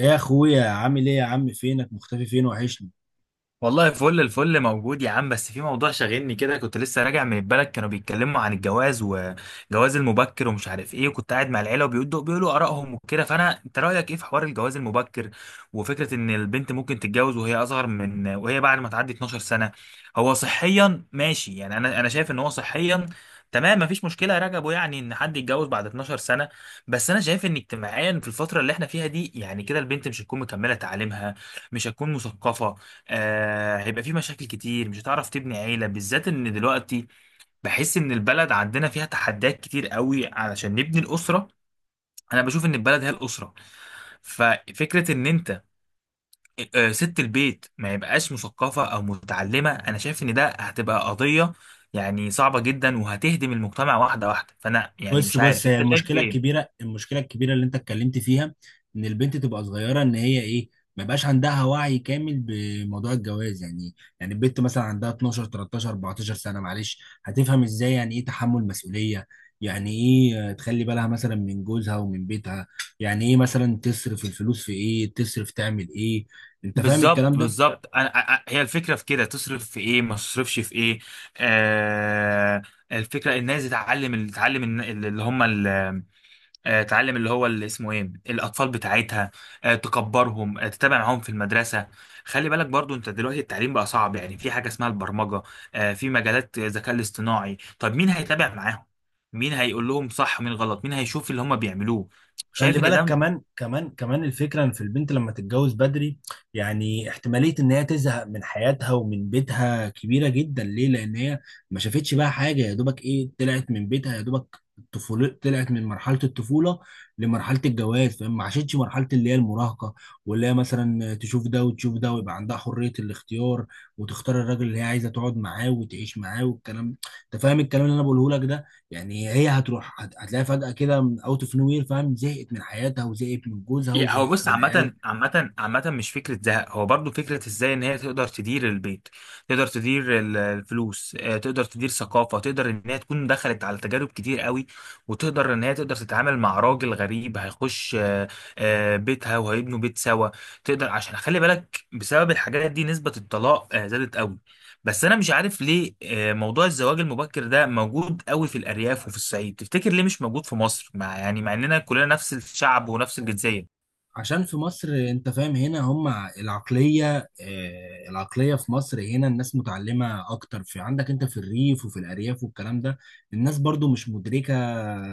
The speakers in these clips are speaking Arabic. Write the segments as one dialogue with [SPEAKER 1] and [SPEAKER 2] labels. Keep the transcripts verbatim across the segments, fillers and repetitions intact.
[SPEAKER 1] ايه يا اخويا عامل ايه يا عم؟ فينك مختفي؟ فين وحشني.
[SPEAKER 2] والله فل الفل موجود يا عم، بس في موضوع شاغلني كده. كنت لسه راجع من البلد، كانوا بيتكلموا عن الجواز وجواز المبكر ومش عارف ايه. وكنت قاعد مع العيله وبيقولوا بيقولوا ارائهم وكده. فانا انت رايك ايه في حوار الجواز المبكر؟ وفكره ان البنت ممكن تتجوز وهي اصغر من وهي بعد ما تعدي اتناشر سنه؟ هو صحيا ماشي، يعني انا انا شايف ان هو صحيا تمام، مفيش مشكله يا رجبو، يعني ان حد يتجوز بعد اتناشر سنه. بس انا شايف ان اجتماعيا في الفتره اللي احنا فيها دي، يعني كده، البنت مش هتكون مكمله تعليمها، مش هتكون مثقفه. آه، هيبقى في مشاكل كتير، مش هتعرف تبني عيلة، بالذات ان دلوقتي بحس ان البلد عندنا فيها تحديات كتير قوي علشان نبني الأسرة. انا بشوف ان البلد هي الأسرة. ففكرة ان انت... آه، ست البيت ما يبقاش مثقفة او متعلمة، انا شايف ان ده هتبقى قضية يعني صعبة جدا، وهتهدم المجتمع واحدة واحدة. فانا يعني
[SPEAKER 1] بص
[SPEAKER 2] مش
[SPEAKER 1] بص
[SPEAKER 2] عارف
[SPEAKER 1] هي
[SPEAKER 2] انت شايف
[SPEAKER 1] المشكله
[SPEAKER 2] ايه.
[SPEAKER 1] الكبيره، المشكله الكبيره اللي انت اتكلمت فيها، ان البنت تبقى صغيره، ان هي ايه، ما يبقاش عندها وعي كامل بموضوع الجواز. يعني يعني البنت مثلا عندها اتناشر تلتاشر اربعتاشر سنه، معلش، هتفهم ازاي يعني ايه تحمل مسؤوليه؟ يعني ايه آه، تخلي بالها مثلا من جوزها ومن بيتها، يعني ايه مثلا تصرف الفلوس في ايه، تصرف تعمل ايه؟ انت فاهم الكلام
[SPEAKER 2] بالظبط،
[SPEAKER 1] ده؟
[SPEAKER 2] بالظبط، انا أ- أ- هي الفكره في كده، تصرف في ايه ما تصرفش في ايه. آه، الفكره الناس تتعلم ال- تتعلم الن- اللي هم ال- آه، تعلم اللي هو اللي اسمه ايه، الاطفال بتاعتها، آه، تكبرهم، آه، تتابع معاهم في المدرسه. خلي بالك برضو، انت دلوقتي التعليم بقى صعب، يعني في حاجه اسمها البرمجه، آه، في مجالات الذكاء الاصطناعي. طب مين هيتابع معاهم؟ مين هيقول لهم صح ومين غلط؟ مين هيشوف اللي هم بيعملوه؟
[SPEAKER 1] خلي
[SPEAKER 2] شايف ان
[SPEAKER 1] بالك
[SPEAKER 2] ده...
[SPEAKER 1] كمان كمان كمان الفكرة ان في البنت لما تتجوز بدري، يعني احتمالية ان هي تزهق من حياتها ومن بيتها كبيرة جدا. ليه؟ لان هي ما شافتش بقى حاجة، يا دوبك ايه طلعت من بيتها، يا دوبك الطفولة، طلعت من مرحلة الطفولة لمرحلة الجواز، فما عاشتش مرحلة اللي هي المراهقة، واللي هي مثلا تشوف ده وتشوف ده ويبقى عندها حرية الاختيار، وتختار الراجل اللي هي عايزة تقعد معاه وتعيش معاه والكلام. انت فاهم الكلام اللي انا بقوله لك ده؟ يعني هي هتروح هت- هتلاقيها فجأة كده من اوت اوف نو وير، فاهم، زهقت من حياتها وزهقت من جوزها
[SPEAKER 2] يا- هو
[SPEAKER 1] وزهقت
[SPEAKER 2] بص،
[SPEAKER 1] من عيالها.
[SPEAKER 2] عامة عامة عامة مش فكرة زهق، هو برضو فكرة ازاي ان هي تقدر تدير البيت، تقدر تدير ال- الفلوس، آه، تقدر تدير ثقافة، تقدر ان هي تكون دخلت على تجارب كتير قوي، وتقدر ان هي تقدر تتعامل مع راجل غريب هيخش آه، آه، بيتها، وهيبنوا بيت سوا. تقدر، عشان خلي بالك، بسبب الحاجات دي نسبة الطلاق آه، زادت قوي. بس انا مش عارف ليه آه، موضوع الزواج المبكر ده موجود قوي في الارياف وفي الصعيد. تفتكر ليه مش موجود في مصر، مع يعني مع اننا كلنا نفس الشعب ونفس الجنسية؟
[SPEAKER 1] عشان في مصر، انت فاهم، هنا هم العقلية، آه، العقلية في مصر هنا الناس متعلمة اكتر، في عندك انت في الريف وفي الارياف والكلام ده الناس برضو مش مدركة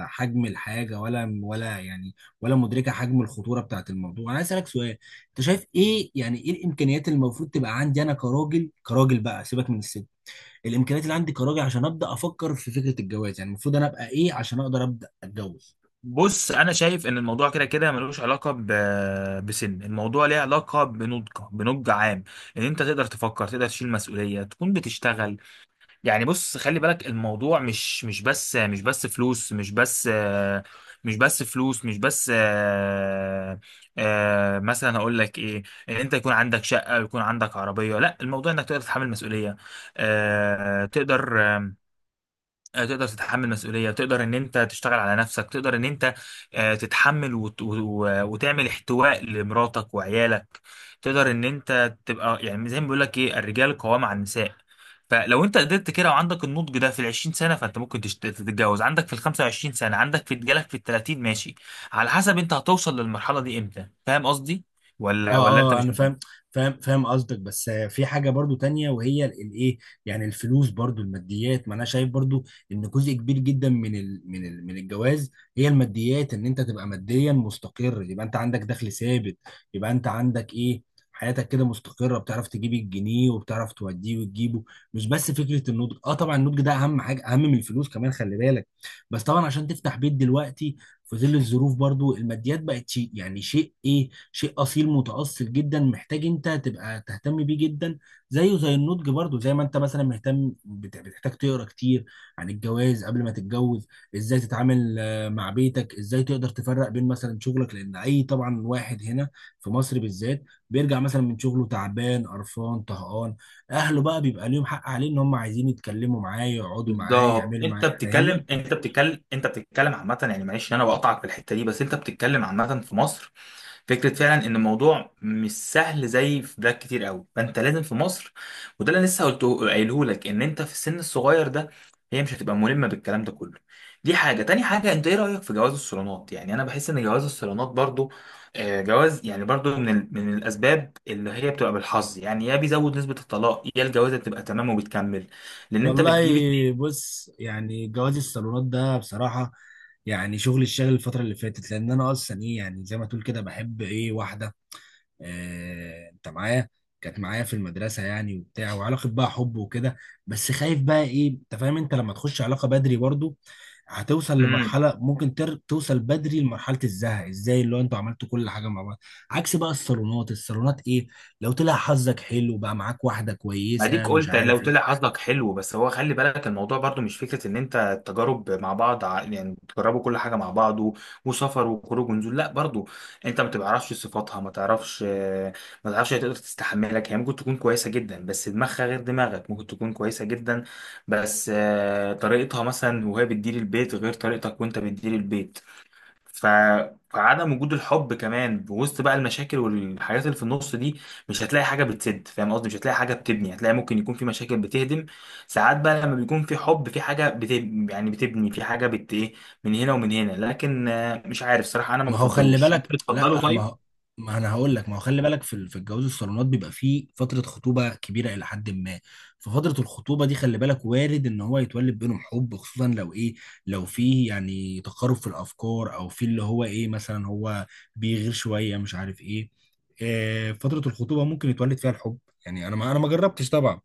[SPEAKER 1] حجم الحاجة، ولا ولا يعني ولا مدركة حجم الخطورة بتاعت الموضوع. انا عايز اسألك سؤال، انت شايف ايه يعني ايه الامكانيات اللي المفروض تبقى عندي انا كراجل؟ كراجل بقى، سيبك من الست، الامكانيات اللي عندي كراجل عشان ابدا افكر في فكره الجواز، يعني المفروض انا ابقى ايه عشان اقدر ابدا اتجوز؟
[SPEAKER 2] بص انا شايف ان الموضوع كده كده ملوش علاقه ب... بسن، الموضوع ليه علاقه بنضج بنضج عام، ان انت تقدر تفكر، تقدر تشيل مسؤوليه، تكون بتشتغل. يعني بص خلي بالك، الموضوع مش مش بس، مش بس فلوس، مش بس، مش بس فلوس، مش بس، آه، آه، مثلا هقول لك ايه. ان انت يكون عندك شقه ويكون عندك عربيه، لا، الموضوع انك تقدر تتحمل مسؤوليه، آه، تقدر، آه، تقدر تتحمل مسؤولية، تقدر ان انت تشتغل على نفسك، تقدر ان انت آه، تتحمل وت... و- وتعمل احتواء لمراتك وعيالك، تقدر ان انت تبقى يعني زي ما بيقول لك ايه، الرجال قوام على النساء. فلو انت قدرت كده وعندك النضج ده في ال عشرين سنة، فانت ممكن تشت- تتجوز عندك في ال خمسة وعشرين سنة، عندك في جالك في ال تلاتين، ماشي على حسب انت هتوصل للمرحلة دي امتى. فاهم قصدي ولا ولا
[SPEAKER 1] اه
[SPEAKER 2] انت
[SPEAKER 1] اه
[SPEAKER 2] مش...
[SPEAKER 1] انا فاهم، فاهم فاهم قصدك، بس آه، في حاجه برضو تانية، وهي ال- الايه، يعني الفلوس برضو، الماديات، ما انا شايف برضو ان جزء كبير جدا من ال من ال من الجواز هي الماديات. ان انت تبقى ماديا مستقر، يبقى انت عندك دخل ثابت، يبقى انت عندك ايه، حياتك كده مستقره، بتعرف تجيب الجنيه وبتعرف توديه وتجيبه، مش بس فكره النضج. اه طبعا النضج ده اهم حاجه، اهم من الفلوس كمان، خلي بالك. بس طبعا عشان تفتح بيت دلوقتي في ظل الظروف، برضو الماديات بقت شيء، يعني شيء ايه، شيء اصيل متأصل جدا، محتاج انت تبقى تهتم بيه جدا، زيه زي النضج. برضو زي ما انت مثلا مهتم بت- بتحتاج تقرا كتير عن الجواز قبل ما تتجوز، ازاي تتعامل آه، مع بيتك، ازاي تقدر تفرق بين مثلا شغلك، لان اي طبعا واحد هنا في مصر بالذات بيرجع مثلا من شغله تعبان قرفان طهقان، اهله بقى بيبقى ليهم حق عليه ان هم عايزين يتكلموا معاه، يقعدوا معاه،
[SPEAKER 2] بالظبط،
[SPEAKER 1] يعملوا
[SPEAKER 2] انت
[SPEAKER 1] معاه،
[SPEAKER 2] بتتكلم
[SPEAKER 1] فاهمني؟
[SPEAKER 2] انت بتتكلم انت بتتكلم عامه، يعني معلش إن انا بقطعك في الحته دي، بس انت بتتكلم عامه في مصر. فكره فعلا ان الموضوع مش سهل زي في بلاد كتير قوي، فانت لازم في مصر، وده اللي أنا لسه قلته قايله لك، ان انت في السن الصغير ده هي مش هتبقى ملمه بالكلام ده كله. دي حاجه، تاني حاجه، انت ايه رايك في جواز الصالونات؟ يعني انا بحس ان جواز الصالونات برضو آه، جواز، يعني برضو من ال- من الاسباب اللي هي بتبقى بالحظ، يعني يا بيزود نسبه الطلاق، يا الجوازه بتبقى تمام وبتكمل، لان انت
[SPEAKER 1] والله
[SPEAKER 2] بتجيب...
[SPEAKER 1] بص، يعني جواز الصالونات ده بصراحة يعني شغل الشغل الفترة اللي فاتت، لأن أنا أصلا إيه يعني زي ما تقول كده بحب إيه واحدة، آه أنت معايا، كانت معايا في المدرسة يعني وبتاع، وعلاقة بقى حب وكده. بس خايف بقى إيه، أنت فاهم، أنت لما تخش علاقة بدري برضو هتوصل
[SPEAKER 2] امم.
[SPEAKER 1] لمرحلة ممكن تر... توصل بدري لمرحلة الزهق، ازاي، اللي هو انتوا عملتوا كل حاجة مع بعض. عكس بقى الصالونات، الصالونات ايه، لو طلع حظك حلو بقى معاك واحدة
[SPEAKER 2] ما
[SPEAKER 1] كويسة،
[SPEAKER 2] ديك
[SPEAKER 1] مش
[SPEAKER 2] قلت لو
[SPEAKER 1] عارف
[SPEAKER 2] طلع
[SPEAKER 1] ايه.
[SPEAKER 2] حظك حلو، بس هو خلي بالك الموضوع برضو مش فكره ان انت التجارب مع بعض، ع- يعني تجربوا كل حاجه مع بعض و- وسفر وخروج ونزول، لا، برضو انت ما بتعرفش صفاتها، ما تعرفش، ما تعرفش هي تقدر تستحملك. هي ممكن تكون كويسه جدا بس دماغها غير دماغك، ممكن تكون كويسه جدا بس آه، طريقتها مثلا وهي بتدير البيت غير طريقتك وانت بتدير البيت. ف... فعدم وجود الحب كمان بوسط بقى المشاكل والحاجات اللي في النص دي، مش هتلاقي حاجه بتسد. فاهم قصدي؟ مش هتلاقي حاجه بتبني، هتلاقي ممكن يكون في مشاكل بتهدم. ساعات بقى لما بيكون في حب في حاجه بت... يعني بتبني، في حاجه بت ايه، من هنا ومن هنا. لكن آه، مش عارف صراحه، انا ما
[SPEAKER 1] ما هو خلي
[SPEAKER 2] بفضلوش، انت
[SPEAKER 1] بالك،
[SPEAKER 2] بتفضله؟
[SPEAKER 1] لا ما
[SPEAKER 2] طيب.
[SPEAKER 1] هو، ما انا هقول لك، ما هو خلي بالك في ال- في الجواز الصالونات بيبقى فيه فتره خطوبه كبيره الى حد ما، ففتره الخطوبه دي خلي بالك وارد ان هو يتولد بينهم حب، خصوصا لو ايه، لو فيه يعني تقارب في الافكار او في اللي هو ايه، مثلا هو بيغير شويه، مش عارف ايه. آه، فتره الخطوبه ممكن يتولد فيها الحب، يعني انا ما انا ما جربتش طبعا،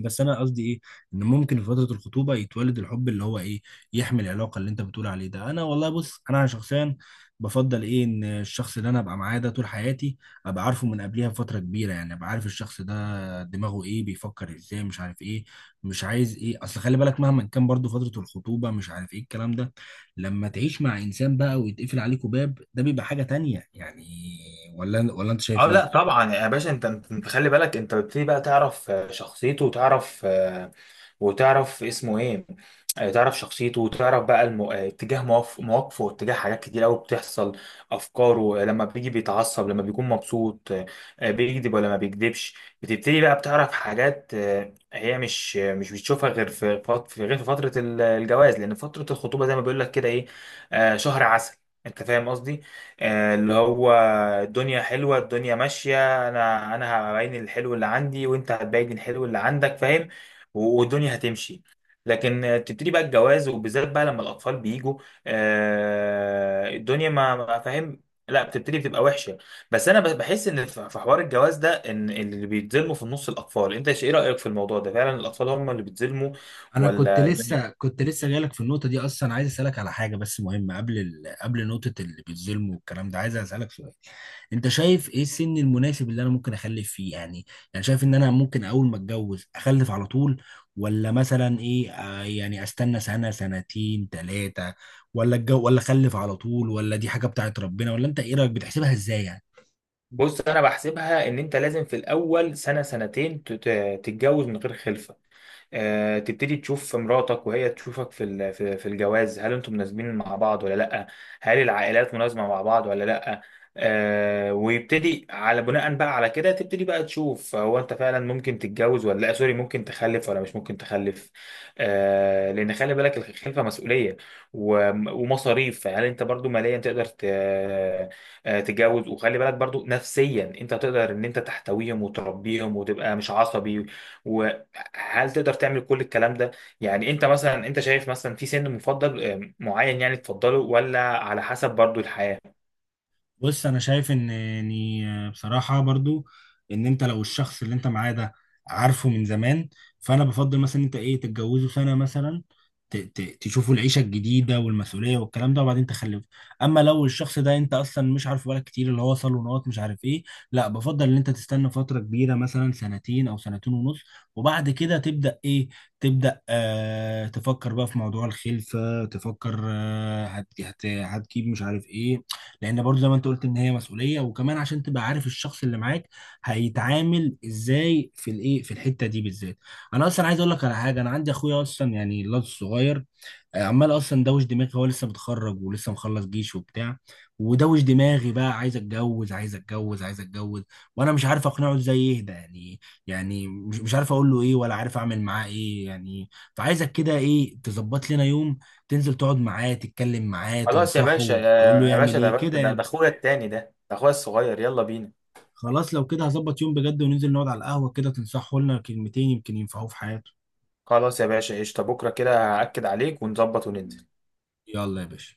[SPEAKER 1] بس انا قصدي ايه، ان ممكن في فتره الخطوبه يتولد الحب اللي هو ايه، يحمل العلاقه اللي انت بتقول عليه ده. انا والله بص، انا شخصيا بفضل ايه، ان الشخص اللي انا ابقى معاه ده طول حياتي ابقى عارفه من قبلها بفتره كبيره، يعني ابقى عارف الشخص ده دماغه ايه، بيفكر ازاي، مش عارف ايه، مش عايز ايه، اصل خلي بالك مهما كان برضو فتره الخطوبه مش عارف ايه الكلام ده، لما تعيش مع انسان بقى ويتقفل عليكوا باب، ده بيبقى حاجه تانية يعني. ولا ولا انت
[SPEAKER 2] اه،
[SPEAKER 1] شايف
[SPEAKER 2] لا
[SPEAKER 1] ايه؟
[SPEAKER 2] طبعا يا باشا، انت انت خلي بالك، انت بتبتدي بقى تعرف آه، شخصيته، وتعرف وتعرف اسمه ايه، آه، تعرف شخصيته، وتعرف بقى المو... آه، اتجاه مواف- مواقفه، واتجاه حاجات كتير قوي بتحصل. افكاره، آه، لما بيجي بيتعصب، لما بيكون مبسوط آه، آه، بيكذب ولا ما بيكذبش. بتبتدي بقى بتعرف حاجات آه، هي مش آه، مش بتشوفها غير في فت- في- غير في فترة ال- الجواز. لأن فترة الخطوبة، زي ما بيقول لك، كده ايه، آه، شهر عسل، انت فاهم قصدي؟ آه، اللي هو الدنيا حلوة، الدنيا ماشية، انا انا هبين الحلو اللي عندي، وانت هتبين الحلو اللي عندك، فاهم؟ والدنيا هتمشي. لكن آه، تبتدي بقى الجواز، وبالذات بقى لما الأطفال بيجوا، آه، الدنيا ما ما فاهم، لا، بتبتدي بتبقى وحشة. بس أنا ب- بحس إن في في حوار الجواز ده، إن اللي بيتظلموا في النص الأطفال. أنت إيش- إيه رأيك في الموضوع ده؟ فعلا الأطفال هم اللي بيتظلموا
[SPEAKER 1] انا كنت
[SPEAKER 2] ولا الدنيا...؟
[SPEAKER 1] لسه كنت لسه جايلك في النقطه دي اصلا، عايز اسالك على حاجه بس مهمه قبل ال... قبل نقطه اللي بيتظلموا والكلام ده، عايز اسالك سؤال، انت شايف ايه السن المناسب اللي انا ممكن اخلف فيه يعني؟ يعني شايف ان انا ممكن اول ما اتجوز اخلف على طول، ولا مثلا ايه آه يعني استنى سنه سنتين ثلاثه؟ ولا الجو ولا اخلف على طول، ولا دي حاجه بتاعت ربنا، ولا انت ايه رايك، بتحسبها ازاي يعني؟
[SPEAKER 2] بص أنا بحسبها إن أنت لازم في الأول سنة سنتين تت- تتجوز من غير خلفة، آه، تبتدي تشوف مراتك وهي تشوفك في ال- في في الجواز، هل انتم مناسبين مع بعض ولا لا، هل العائلات مناسبة مع بعض ولا لا. آه، ويبتدي على بناء بقى على كده تبتدي بقى تشوف هو انت فعلا ممكن تتجوز ولا لا، سوري، ممكن تخلف ولا مش ممكن تخلف. آه، لان خلي بالك الخلفه مسؤوليه وم- ومصاريف. هل انت برضو ماليا تقدر ت- آه، تتجوز؟ وخلي بالك برضو نفسيا انت تقدر ان انت تحتويهم وتربيهم وتبقى مش عصبي. هل تقدر تعمل كل الكلام ده؟ يعني انت مثلا، انت شايف مثلا في سن مفضل آه، معين، يعني تفضله، ولا على حسب برضو الحياة؟
[SPEAKER 1] بص انا شايف ان يعني بصراحه برضو ان انت لو الشخص اللي انت معاه ده عارفه من زمان، فانا بفضل مثلا انت ايه تتجوزه سنه مثلا، ت- ت- تشوفوا العيشه الجديده والمسؤوليه والكلام ده، وبعدين تخلفه. اما لو الشخص ده انت اصلا مش عارفه بقالك كتير، اللي هو صالونات مش عارف ايه، لا بفضل ان انت تستنى فتره كبيره، مثلا سنتين او سنتين ونص، وبعد كده تبدا ايه، تبدا آه تفكر بقى في موضوع الخلفه، تفكر آه هت هت هتجيب مش عارف ايه. لان برضو زي ما انت قلت ان هي مسؤوليه، وكمان عشان تبقى عارف الشخص اللي معاك هيتعامل ازاي في الايه، في الحته دي بالذات. انا اصلا عايز اقول لك على حاجه، انا عندي اخويا اصلا، يعني الواد الصغير، آه، عمال اصلا دوش دماغي، هو لسه متخرج ولسه مخلص جيش وبتاع، ودوش دماغي بقى، عايز اتجوز عايز اتجوز عايز اتجوز، وانا مش عارف اقنعه ازاي يهدى يعني، يعني مش مش عارف اقول له ايه، ولا عارف اعمل معاه ايه يعني. فعايزك كده ايه، تظبط لنا يوم، تنزل تقعد معاه، تتكلم معاه،
[SPEAKER 2] خلاص يا باشا،
[SPEAKER 1] تنصحه،
[SPEAKER 2] يا
[SPEAKER 1] تقول له
[SPEAKER 2] يا
[SPEAKER 1] يعمل
[SPEAKER 2] باشا، ده
[SPEAKER 1] ايه
[SPEAKER 2] بس،
[SPEAKER 1] كده
[SPEAKER 2] ده ده
[SPEAKER 1] يعني.
[SPEAKER 2] اخويا التاني ده، ده اخويا الصغير، يلا بينا.
[SPEAKER 1] خلاص لو كده هظبط يوم بجد، وننزل نقعد على القهوة كده، تنصحه لنا كلمتين يمكن ينفعوه في حياته.
[SPEAKER 2] خلاص يا باشا، قشطة، بكرة كده هأكد عليك ونظبط وننزل.
[SPEAKER 1] يلا يا باشا.